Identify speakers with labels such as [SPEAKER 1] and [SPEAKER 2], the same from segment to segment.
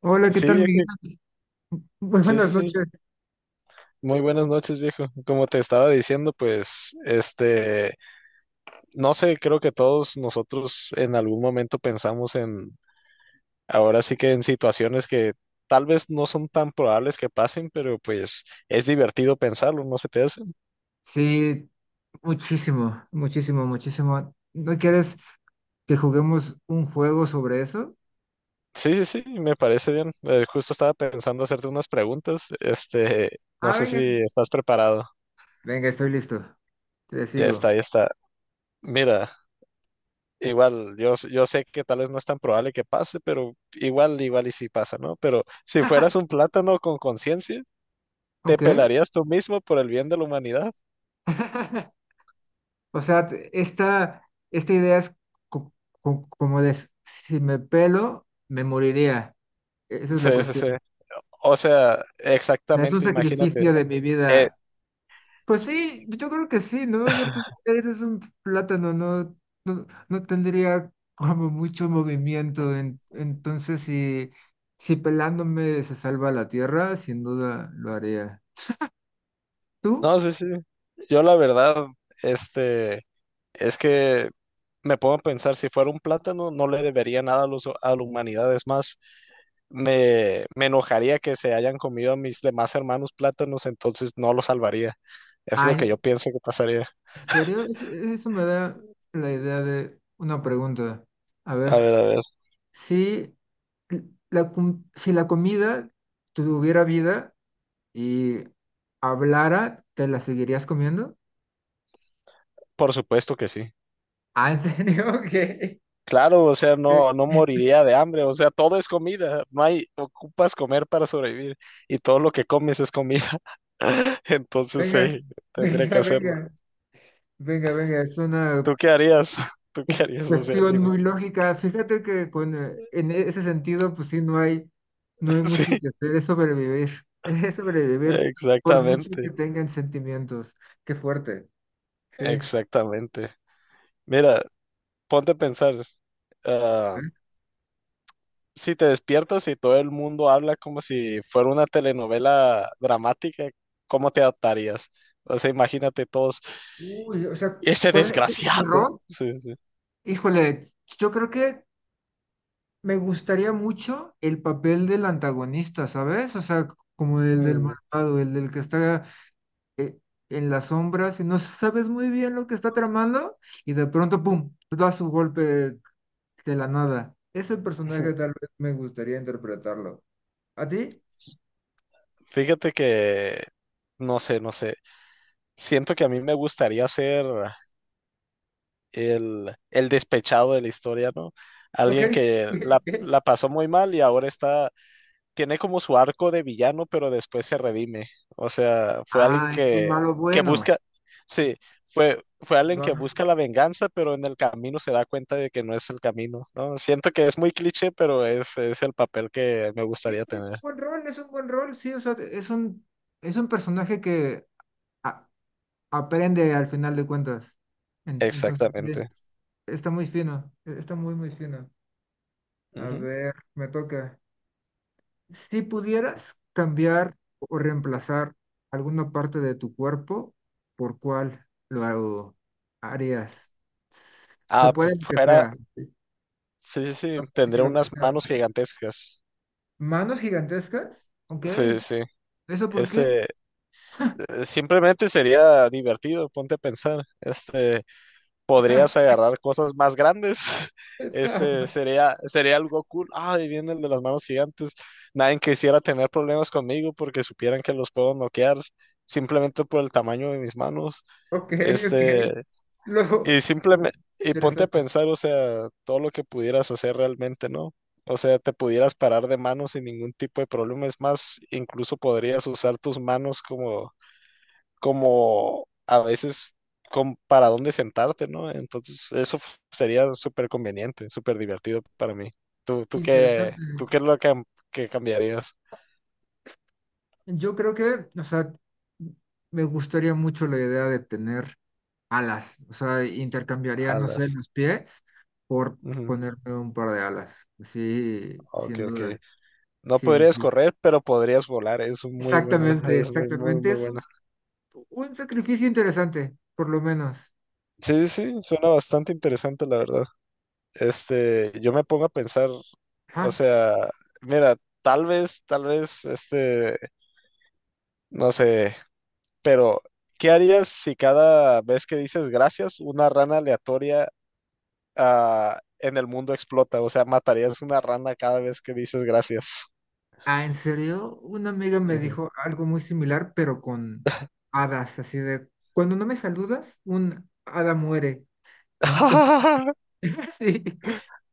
[SPEAKER 1] Hola, ¿qué
[SPEAKER 2] Sí,
[SPEAKER 1] tal,
[SPEAKER 2] viejo.
[SPEAKER 1] Miguel? Muy
[SPEAKER 2] Sí,
[SPEAKER 1] buenas
[SPEAKER 2] sí, sí.
[SPEAKER 1] noches.
[SPEAKER 2] Muy buenas noches, viejo. Como te estaba diciendo, pues, no sé, creo que todos nosotros en algún momento pensamos en, ahora sí que en situaciones que tal vez no son tan probables que pasen, pero pues es divertido pensarlo, ¿no se te hace?
[SPEAKER 1] Sí, muchísimo, muchísimo, muchísimo. ¿No quieres que juguemos un juego sobre eso?
[SPEAKER 2] Sí, sí, sí, me parece bien. Justo estaba pensando hacerte unas preguntas. No
[SPEAKER 1] Ah,
[SPEAKER 2] sé si
[SPEAKER 1] venga.
[SPEAKER 2] estás preparado.
[SPEAKER 1] Venga, estoy listo. Te
[SPEAKER 2] Ya
[SPEAKER 1] sigo.
[SPEAKER 2] está, ya está. Mira. Igual, yo sé que tal vez no es tan probable que pase, pero igual y sí pasa, ¿no? Pero si fueras un plátano con conciencia, te
[SPEAKER 1] Ok.
[SPEAKER 2] pelarías tú mismo por el bien de la humanidad.
[SPEAKER 1] O sea, esta, esta idea es co- como de si me pelo, me moriría. Esa es la
[SPEAKER 2] Sí, sí,
[SPEAKER 1] cuestión.
[SPEAKER 2] sí.
[SPEAKER 1] O
[SPEAKER 2] O sea,
[SPEAKER 1] sea, es un
[SPEAKER 2] exactamente, imagínate.
[SPEAKER 1] sacrificio de mi
[SPEAKER 2] Eh,
[SPEAKER 1] vida. Pues sí, yo creo que sí, ¿no? O sea, pues eres un plátano, no tendría como mucho movimiento. Entonces, si, si pelándome se salva la tierra, sin duda lo haría. ¿Tú?
[SPEAKER 2] no, sí, sí. Yo la verdad, este, es que me pongo a pensar, si fuera un plátano, no le debería nada a la humanidad. Es más, me enojaría que se hayan comido a mis demás hermanos plátanos, entonces no los salvaría. Es lo que
[SPEAKER 1] Ay,
[SPEAKER 2] yo pienso que pasaría.
[SPEAKER 1] ¿en serio? Eso me da la idea de una pregunta. A
[SPEAKER 2] A
[SPEAKER 1] ver,
[SPEAKER 2] ver, a ver.
[SPEAKER 1] si la, si la comida tuviera vida y hablara, ¿te la seguirías comiendo?
[SPEAKER 2] Por supuesto que sí.
[SPEAKER 1] Ah, ¿en serio?
[SPEAKER 2] Claro, o sea,
[SPEAKER 1] ¿Qué?
[SPEAKER 2] no, no moriría de hambre, o sea, todo es comida, no hay, ocupas comer para sobrevivir y todo lo que comes es comida, entonces sí,
[SPEAKER 1] Venga,
[SPEAKER 2] tendría que
[SPEAKER 1] venga,
[SPEAKER 2] hacerlo.
[SPEAKER 1] venga, venga, venga, es una
[SPEAKER 2] ¿Tú qué harías? ¿Tú qué harías? O sea,
[SPEAKER 1] cuestión
[SPEAKER 2] dime.
[SPEAKER 1] muy lógica. Fíjate que con, en ese sentido, pues sí, no hay, no hay mucho
[SPEAKER 2] Sí,
[SPEAKER 1] que hacer, es sobrevivir, es sobrevivir por mucho
[SPEAKER 2] exactamente,
[SPEAKER 1] que tengan sentimientos. Qué fuerte, sí. ¿Eh?
[SPEAKER 2] exactamente. Mira, ponte a pensar, ah, si te despiertas y todo el mundo habla como si fuera una telenovela dramática, ¿cómo te adaptarías? O sea, imagínate todos.
[SPEAKER 1] Uy, o sea,
[SPEAKER 2] Y ese
[SPEAKER 1] ¿cuál es mi
[SPEAKER 2] desgraciado.
[SPEAKER 1] rol?
[SPEAKER 2] Sí, sí.
[SPEAKER 1] Híjole, yo creo que me gustaría mucho el papel del antagonista, ¿sabes? O sea, como el del
[SPEAKER 2] Mm,
[SPEAKER 1] malvado, el del que está eh, en las sombras y no sabes muy bien lo que está tramando y de pronto, ¡pum!, da su golpe de la nada. Ese personaje tal vez me gustaría interpretarlo. ¿A ti?
[SPEAKER 2] Fíjate que, no sé, no sé. Siento que a mí me gustaría ser el despechado de la historia, ¿no?
[SPEAKER 1] Ok,
[SPEAKER 2] Alguien que la,
[SPEAKER 1] ok.
[SPEAKER 2] la pasó muy mal y ahora tiene como su arco de villano, pero después se redime. O sea, fue alguien
[SPEAKER 1] Ah, es un
[SPEAKER 2] que,
[SPEAKER 1] malo
[SPEAKER 2] que
[SPEAKER 1] bueno.
[SPEAKER 2] busca, sí, fue alguien que
[SPEAKER 1] Va.
[SPEAKER 2] busca la venganza, pero en el camino se da cuenta de que no es el camino, ¿no? Siento que es muy cliché, pero es el papel que me
[SPEAKER 1] Sí,
[SPEAKER 2] gustaría
[SPEAKER 1] es un
[SPEAKER 2] tener.
[SPEAKER 1] buen rol, es un buen rol, sí, o sea, es un personaje que a- aprende al final de cuentas. Entonces, sí,
[SPEAKER 2] Exactamente.
[SPEAKER 1] está muy fino, e, está muy, muy fino. A
[SPEAKER 2] Ujú.
[SPEAKER 1] ver, me toca. Si pudieras cambiar o reemplazar alguna parte de tu cuerpo, ¿por cuál lo harías? Se
[SPEAKER 2] Ah, pues
[SPEAKER 1] puede lo que
[SPEAKER 2] fuera,
[SPEAKER 1] sea. Sí,
[SPEAKER 2] sí, sí, sí,
[SPEAKER 1] sí,
[SPEAKER 2] tendría
[SPEAKER 1] lo que
[SPEAKER 2] unas
[SPEAKER 1] sea, lo
[SPEAKER 2] manos
[SPEAKER 1] que sea.
[SPEAKER 2] gigantescas.
[SPEAKER 1] ¿Manos gigantescas? Ok.
[SPEAKER 2] Sí, sí.
[SPEAKER 1] ¿Eso por qué?
[SPEAKER 2] Este, simplemente sería divertido, ponte a pensar. Podrías agarrar cosas más grandes. Este,
[SPEAKER 1] Pensaba.
[SPEAKER 2] sería, sería algo cool. Ah, y viene el de las manos gigantes. Nadie quisiera tener problemas conmigo porque supieran que los puedo noquear simplemente por el tamaño de mis manos.
[SPEAKER 1] Ok, ok.
[SPEAKER 2] Este, Y
[SPEAKER 1] Luego,
[SPEAKER 2] simplemente, y ponte a
[SPEAKER 1] interesante,
[SPEAKER 2] pensar, o sea, todo lo que pudieras hacer realmente, ¿no? O sea, te pudieras parar de manos sin ningún tipo de problema. Es más, incluso podrías usar tus manos como, a veces como para dónde sentarte, ¿no? Entonces, eso sería súper conveniente, súper divertido para mí. ¿Tú, tú qué,
[SPEAKER 1] interesante.
[SPEAKER 2] tú qué es lo que cambiarías?
[SPEAKER 1] Yo creo que, o sea, me gustaría mucho la idea de tener alas. O sea, intercambiaría, no
[SPEAKER 2] Alas.
[SPEAKER 1] sé, los pies por
[SPEAKER 2] Ujú.
[SPEAKER 1] ponerme un par de alas. Sí,
[SPEAKER 2] Ok,
[SPEAKER 1] sin
[SPEAKER 2] ok.
[SPEAKER 1] duda.
[SPEAKER 2] No
[SPEAKER 1] Sí, sí,
[SPEAKER 2] podrías
[SPEAKER 1] sí.
[SPEAKER 2] correr, pero podrías volar. Es muy buena,
[SPEAKER 1] Exactamente,
[SPEAKER 2] es muy, muy,
[SPEAKER 1] exactamente.
[SPEAKER 2] muy
[SPEAKER 1] Es
[SPEAKER 2] buena.
[SPEAKER 1] un sacrificio interesante, por lo menos.
[SPEAKER 2] Sí, sí, sí, suena bastante interesante, la verdad. Yo me pongo a pensar, o
[SPEAKER 1] Ajá.
[SPEAKER 2] sea, mira, tal vez, no sé, pero ¿qué harías si cada vez que dices gracias, una rana aleatoria, en el mundo explota? O sea, matarías una rana cada vez que dices gracias.
[SPEAKER 1] Ah, ¿en serio? Una amiga me
[SPEAKER 2] Ujú.
[SPEAKER 1] dijo algo muy similar, pero con hadas, así de, cuando no me saludas, un hada muere. Entonces, sí,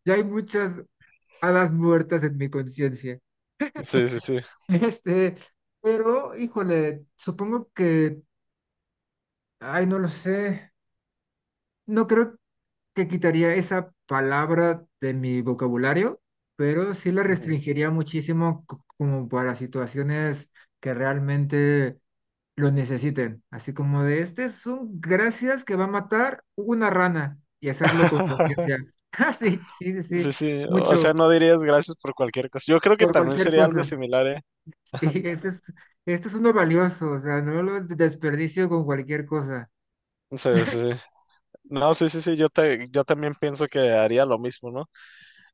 [SPEAKER 1] ya hay muchas hadas muertas en mi conciencia.
[SPEAKER 2] Sí, sí, sí.
[SPEAKER 1] Este, pero, híjole, supongo que, ay, no lo sé. No creo que quitaría esa palabra de mi vocabulario, pero sí la
[SPEAKER 2] Ujú.
[SPEAKER 1] restringiría muchísimo como para situaciones que realmente lo necesiten. Así como de, este es un gracias que va a matar una rana y hacerlo con conciencia. Ah, sí, sí, sí, sí,
[SPEAKER 2] Sí, sí. O sea,
[SPEAKER 1] mucho,
[SPEAKER 2] no dirías gracias por cualquier cosa. Yo creo que
[SPEAKER 1] por
[SPEAKER 2] también
[SPEAKER 1] cualquier
[SPEAKER 2] sería algo
[SPEAKER 1] cosa.
[SPEAKER 2] similar, ¿eh?
[SPEAKER 1] Y este es uno valioso, o sea, no lo desperdicio con cualquier cosa.
[SPEAKER 2] Sí, sí. No, sí, sí, sí, yo también pienso que haría lo mismo, ¿no?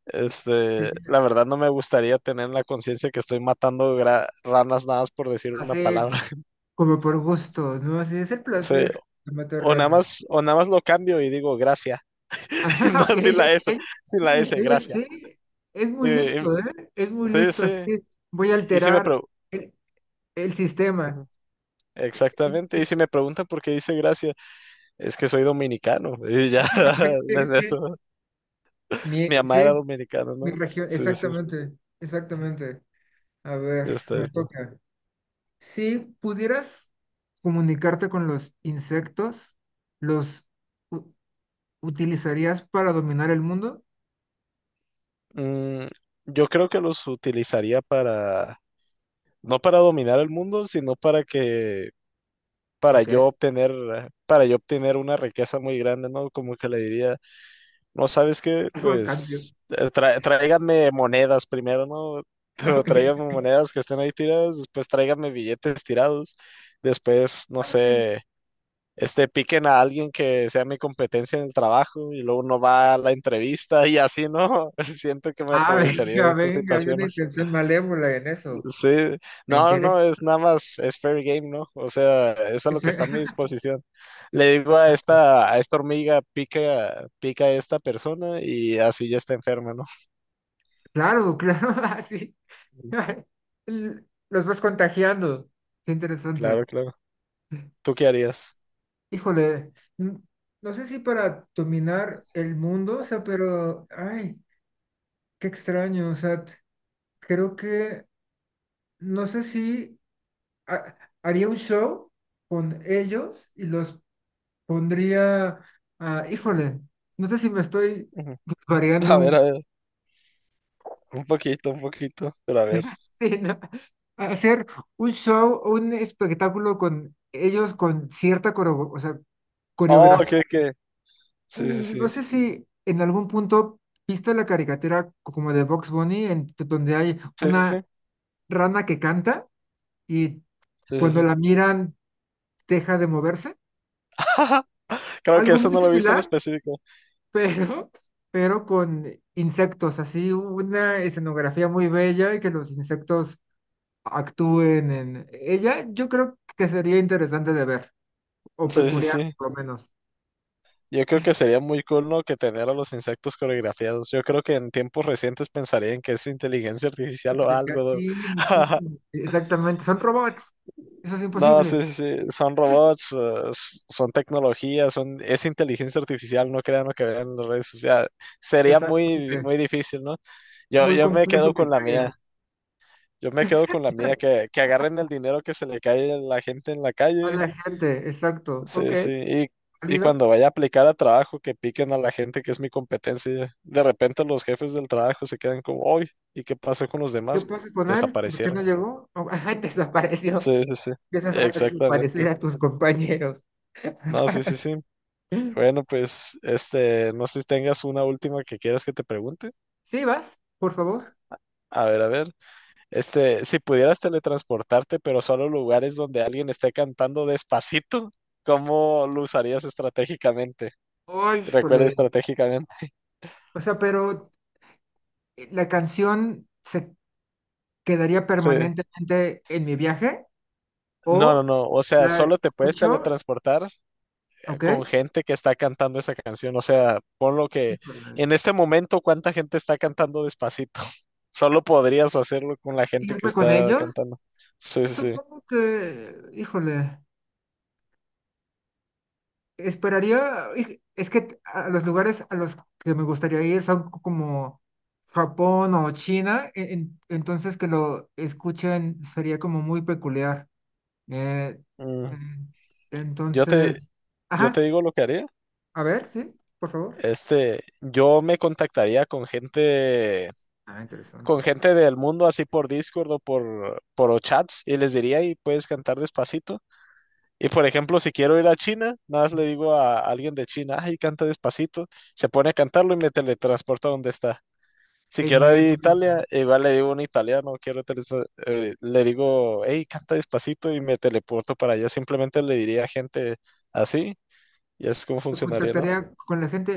[SPEAKER 2] Este,
[SPEAKER 1] Sí,
[SPEAKER 2] la verdad no me gustaría tener en la conciencia que estoy matando ranas nada más por decir una
[SPEAKER 1] así
[SPEAKER 2] palabra.
[SPEAKER 1] como por gusto, ¿no? Así es el
[SPEAKER 2] O sea,
[SPEAKER 1] placer de matar
[SPEAKER 2] o nada
[SPEAKER 1] ranas.
[SPEAKER 2] más, o nada más lo cambio y digo gracia,
[SPEAKER 1] Ajá,
[SPEAKER 2] no
[SPEAKER 1] ok,
[SPEAKER 2] sin la
[SPEAKER 1] ok.
[SPEAKER 2] S, sin la S, gracia.
[SPEAKER 1] Sí, es
[SPEAKER 2] Y,
[SPEAKER 1] muy
[SPEAKER 2] y-
[SPEAKER 1] listo, ¿eh? Es muy
[SPEAKER 2] sí,
[SPEAKER 1] listo, así.
[SPEAKER 2] sí,
[SPEAKER 1] Voy a
[SPEAKER 2] y si me
[SPEAKER 1] alterar el, el sistema.
[SPEAKER 2] preguntan, exactamente, y si me preguntan por qué dice gracia, es que soy dominicano, y ya, me- me-
[SPEAKER 1] Mi,
[SPEAKER 2] mi mamá
[SPEAKER 1] sí,
[SPEAKER 2] era dominicana,
[SPEAKER 1] mi
[SPEAKER 2] ¿no?
[SPEAKER 1] región,
[SPEAKER 2] Sí, sí,
[SPEAKER 1] exactamente, exactamente. A
[SPEAKER 2] ya
[SPEAKER 1] ver,
[SPEAKER 2] está, ya
[SPEAKER 1] me
[SPEAKER 2] está.
[SPEAKER 1] toca. Si pudieras comunicarte con los insectos, ¿los u- utilizarías para dominar el mundo?
[SPEAKER 2] Mm, yo creo que los utilizaría no para dominar el mundo, sino para
[SPEAKER 1] Ok,
[SPEAKER 2] yo obtener, eh, para yo obtener una riqueza muy grande, ¿no? Como que le diría, no sabes qué,
[SPEAKER 1] algo a cambio.
[SPEAKER 2] pues tráiganme monedas primero, ¿no? Pero
[SPEAKER 1] Ok.
[SPEAKER 2] tráiganme monedas que estén ahí tiradas, después tráiganme billetes tirados, después, no sé, piquen a alguien que sea mi competencia en el trabajo y luego uno va a la entrevista y así, ¿no? Siento que me
[SPEAKER 1] Ah,
[SPEAKER 2] aprovecharía de
[SPEAKER 1] venga,
[SPEAKER 2] esta
[SPEAKER 1] venga, hay
[SPEAKER 2] situación.
[SPEAKER 1] una intención malévola en eso.
[SPEAKER 2] Sí,
[SPEAKER 1] Me
[SPEAKER 2] no,
[SPEAKER 1] interesa.
[SPEAKER 2] no, es nada más, es fair game, ¿no? O sea, eso es lo que está a mi
[SPEAKER 1] Esa-
[SPEAKER 2] disposición. Le digo a esta, a esta hormiga, pica, pica a esta persona y así ya está enferma, ¿no?
[SPEAKER 1] Claro, claro, así.
[SPEAKER 2] Mm,
[SPEAKER 1] L- Los vas contagiando. Qué
[SPEAKER 2] claro,
[SPEAKER 1] interesante.
[SPEAKER 2] claro. ¿Tú qué harías?
[SPEAKER 1] Híjole, n- no sé si para dominar el mundo, o sea, pero, ay, qué extraño, o sea, creo que, no sé si ha- haría un show con ellos y los pondría a, híjole, no sé si me estoy
[SPEAKER 2] Ujú.
[SPEAKER 1] variando un
[SPEAKER 2] A ver, un poquito, pero a ver.
[SPEAKER 1] sí, ¿no? A hacer un show o un espectáculo con ellos con cierta o sea,
[SPEAKER 2] Oh,
[SPEAKER 1] coreografía.
[SPEAKER 2] sí, sí,
[SPEAKER 1] Mm,
[SPEAKER 2] sí,
[SPEAKER 1] no sé si en algún punto viste la caricatura como de Box Bunny, en, donde hay
[SPEAKER 2] sí, sí,
[SPEAKER 1] una
[SPEAKER 2] sí,
[SPEAKER 1] rana que canta y
[SPEAKER 2] sí, sí,
[SPEAKER 1] cuando
[SPEAKER 2] sí.
[SPEAKER 1] la miran deja de moverse.
[SPEAKER 2] Creo que
[SPEAKER 1] Algo
[SPEAKER 2] eso
[SPEAKER 1] muy
[SPEAKER 2] no lo he visto en
[SPEAKER 1] similar,
[SPEAKER 2] específico.
[SPEAKER 1] pero, pero con insectos, así una escenografía muy bella y que los insectos actúen en ella, yo creo que sería interesante de ver, o
[SPEAKER 2] Sí, sí,
[SPEAKER 1] peculiar
[SPEAKER 2] sí.
[SPEAKER 1] por lo menos.
[SPEAKER 2] Yo creo que sería muy cool, ¿no? Que tener a los insectos coreografiados. Yo creo que en tiempos recientes pensarían que es inteligencia artificial o
[SPEAKER 1] Artificial,
[SPEAKER 2] algo.
[SPEAKER 1] sí,
[SPEAKER 2] ¿no?
[SPEAKER 1] muchísimo. Exactamente, son robots, eso es
[SPEAKER 2] No,
[SPEAKER 1] imposible.
[SPEAKER 2] sí, sí, sí, son robots, son tecnologías, es inteligencia artificial, no crean lo que vean en las redes sociales. Sería muy,
[SPEAKER 1] Exactamente,
[SPEAKER 2] muy difícil, ¿no? Yo,
[SPEAKER 1] muy
[SPEAKER 2] yo me
[SPEAKER 1] complejo
[SPEAKER 2] quedo
[SPEAKER 1] que
[SPEAKER 2] con la mía,
[SPEAKER 1] caigan.
[SPEAKER 2] yo me quedo con la mía, que agarren el dinero que se le cae a la gente en la
[SPEAKER 1] A
[SPEAKER 2] calle.
[SPEAKER 1] la gente, exacto. Ok,
[SPEAKER 2] Sí, sí. Y
[SPEAKER 1] válido.
[SPEAKER 2] cuando vaya a aplicar a trabajo, que piquen a la gente que es mi competencia. De repente los jefes del trabajo se quedan como, hoy, ¿y qué pasó con los
[SPEAKER 1] ¿Qué
[SPEAKER 2] demás?
[SPEAKER 1] pasa con él? ¿Por qué no
[SPEAKER 2] Desaparecieron.
[SPEAKER 1] llegó? Oh, ajá, desapareció.
[SPEAKER 2] Sí, sí, sí.
[SPEAKER 1] Empiezas a desaparecer
[SPEAKER 2] Exactamente.
[SPEAKER 1] a tus compañeros.
[SPEAKER 2] No, sí, sí, sí.
[SPEAKER 1] Sí,
[SPEAKER 2] Bueno, pues, no sé si tengas una última que quieras que te pregunte.
[SPEAKER 1] vas, por favor.
[SPEAKER 2] A ver, a ver. Si pudieras teletransportarte, pero solo a lugares donde alguien esté cantando Despacito, ¿cómo lo usarías estratégicamente?
[SPEAKER 1] Ay,
[SPEAKER 2] Recuerda
[SPEAKER 1] híjole.
[SPEAKER 2] estratégicamente.
[SPEAKER 1] O sea, pero ¿la canción se quedaría
[SPEAKER 2] Sí.
[SPEAKER 1] permanentemente en mi viaje?
[SPEAKER 2] No, no,
[SPEAKER 1] ¿O
[SPEAKER 2] no. O sea,
[SPEAKER 1] la
[SPEAKER 2] solo te puedes
[SPEAKER 1] escucho?
[SPEAKER 2] teletransportar
[SPEAKER 1] ¿Ok?
[SPEAKER 2] con gente que está cantando esa canción. O sea, por lo que
[SPEAKER 1] Híjole.
[SPEAKER 2] en este momento, ¿cuánta gente está cantando Despacito? Solo podrías hacerlo con la gente que
[SPEAKER 1] ¿Irme con
[SPEAKER 2] está
[SPEAKER 1] ellos?
[SPEAKER 2] cantando. Sí, sí, sí.
[SPEAKER 1] Supongo que, híjole, esperaría, es que a los lugares a los que me gustaría ir son como Japón o China, entonces que lo escuchen sería como muy peculiar. Eh,
[SPEAKER 2] Mm,
[SPEAKER 1] mm,
[SPEAKER 2] Yo te,
[SPEAKER 1] entonces,
[SPEAKER 2] yo te
[SPEAKER 1] ajá,
[SPEAKER 2] digo lo que haría.
[SPEAKER 1] a ver, sí, por favor.
[SPEAKER 2] Yo me contactaría
[SPEAKER 1] Ah, interesante.
[SPEAKER 2] con gente del mundo, así por Discord o por chats, y les diría, y puedes cantar Despacito. Y por ejemplo, si quiero ir a China, nada más le digo a alguien de China, ay, canta Despacito, se pone a cantarlo y me teletransporta a donde está. Si
[SPEAKER 1] E
[SPEAKER 2] quiero ir a
[SPEAKER 1] inmediatamente
[SPEAKER 2] Italia, igual le digo a un italiano, le digo, hey, canta Despacito y me teleporto para allá. Simplemente le diría a gente así y es como funcionaría, ¿no?
[SPEAKER 1] contactaría con la gente.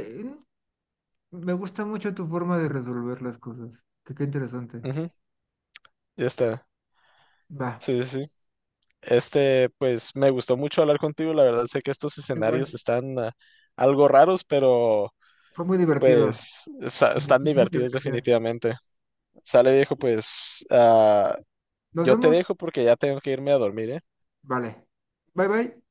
[SPEAKER 1] Mm, me gusta mucho tu forma de resolver las cosas. Que qué interesante.
[SPEAKER 2] Ujú, ya está.
[SPEAKER 1] Va.
[SPEAKER 2] Sí, sí, sí. Pues me gustó mucho hablar contigo. La verdad, sé que estos
[SPEAKER 1] Qué bueno.
[SPEAKER 2] escenarios están algo raros, pero
[SPEAKER 1] Fue muy divertido.
[SPEAKER 2] pues están
[SPEAKER 1] Muchísimas
[SPEAKER 2] divertidos
[SPEAKER 1] gracias.
[SPEAKER 2] definitivamente. Sale viejo, pues
[SPEAKER 1] Nos
[SPEAKER 2] yo te
[SPEAKER 1] vemos.
[SPEAKER 2] dejo porque ya tengo que irme a dormir, ¿eh?
[SPEAKER 1] Vale. Bye bye.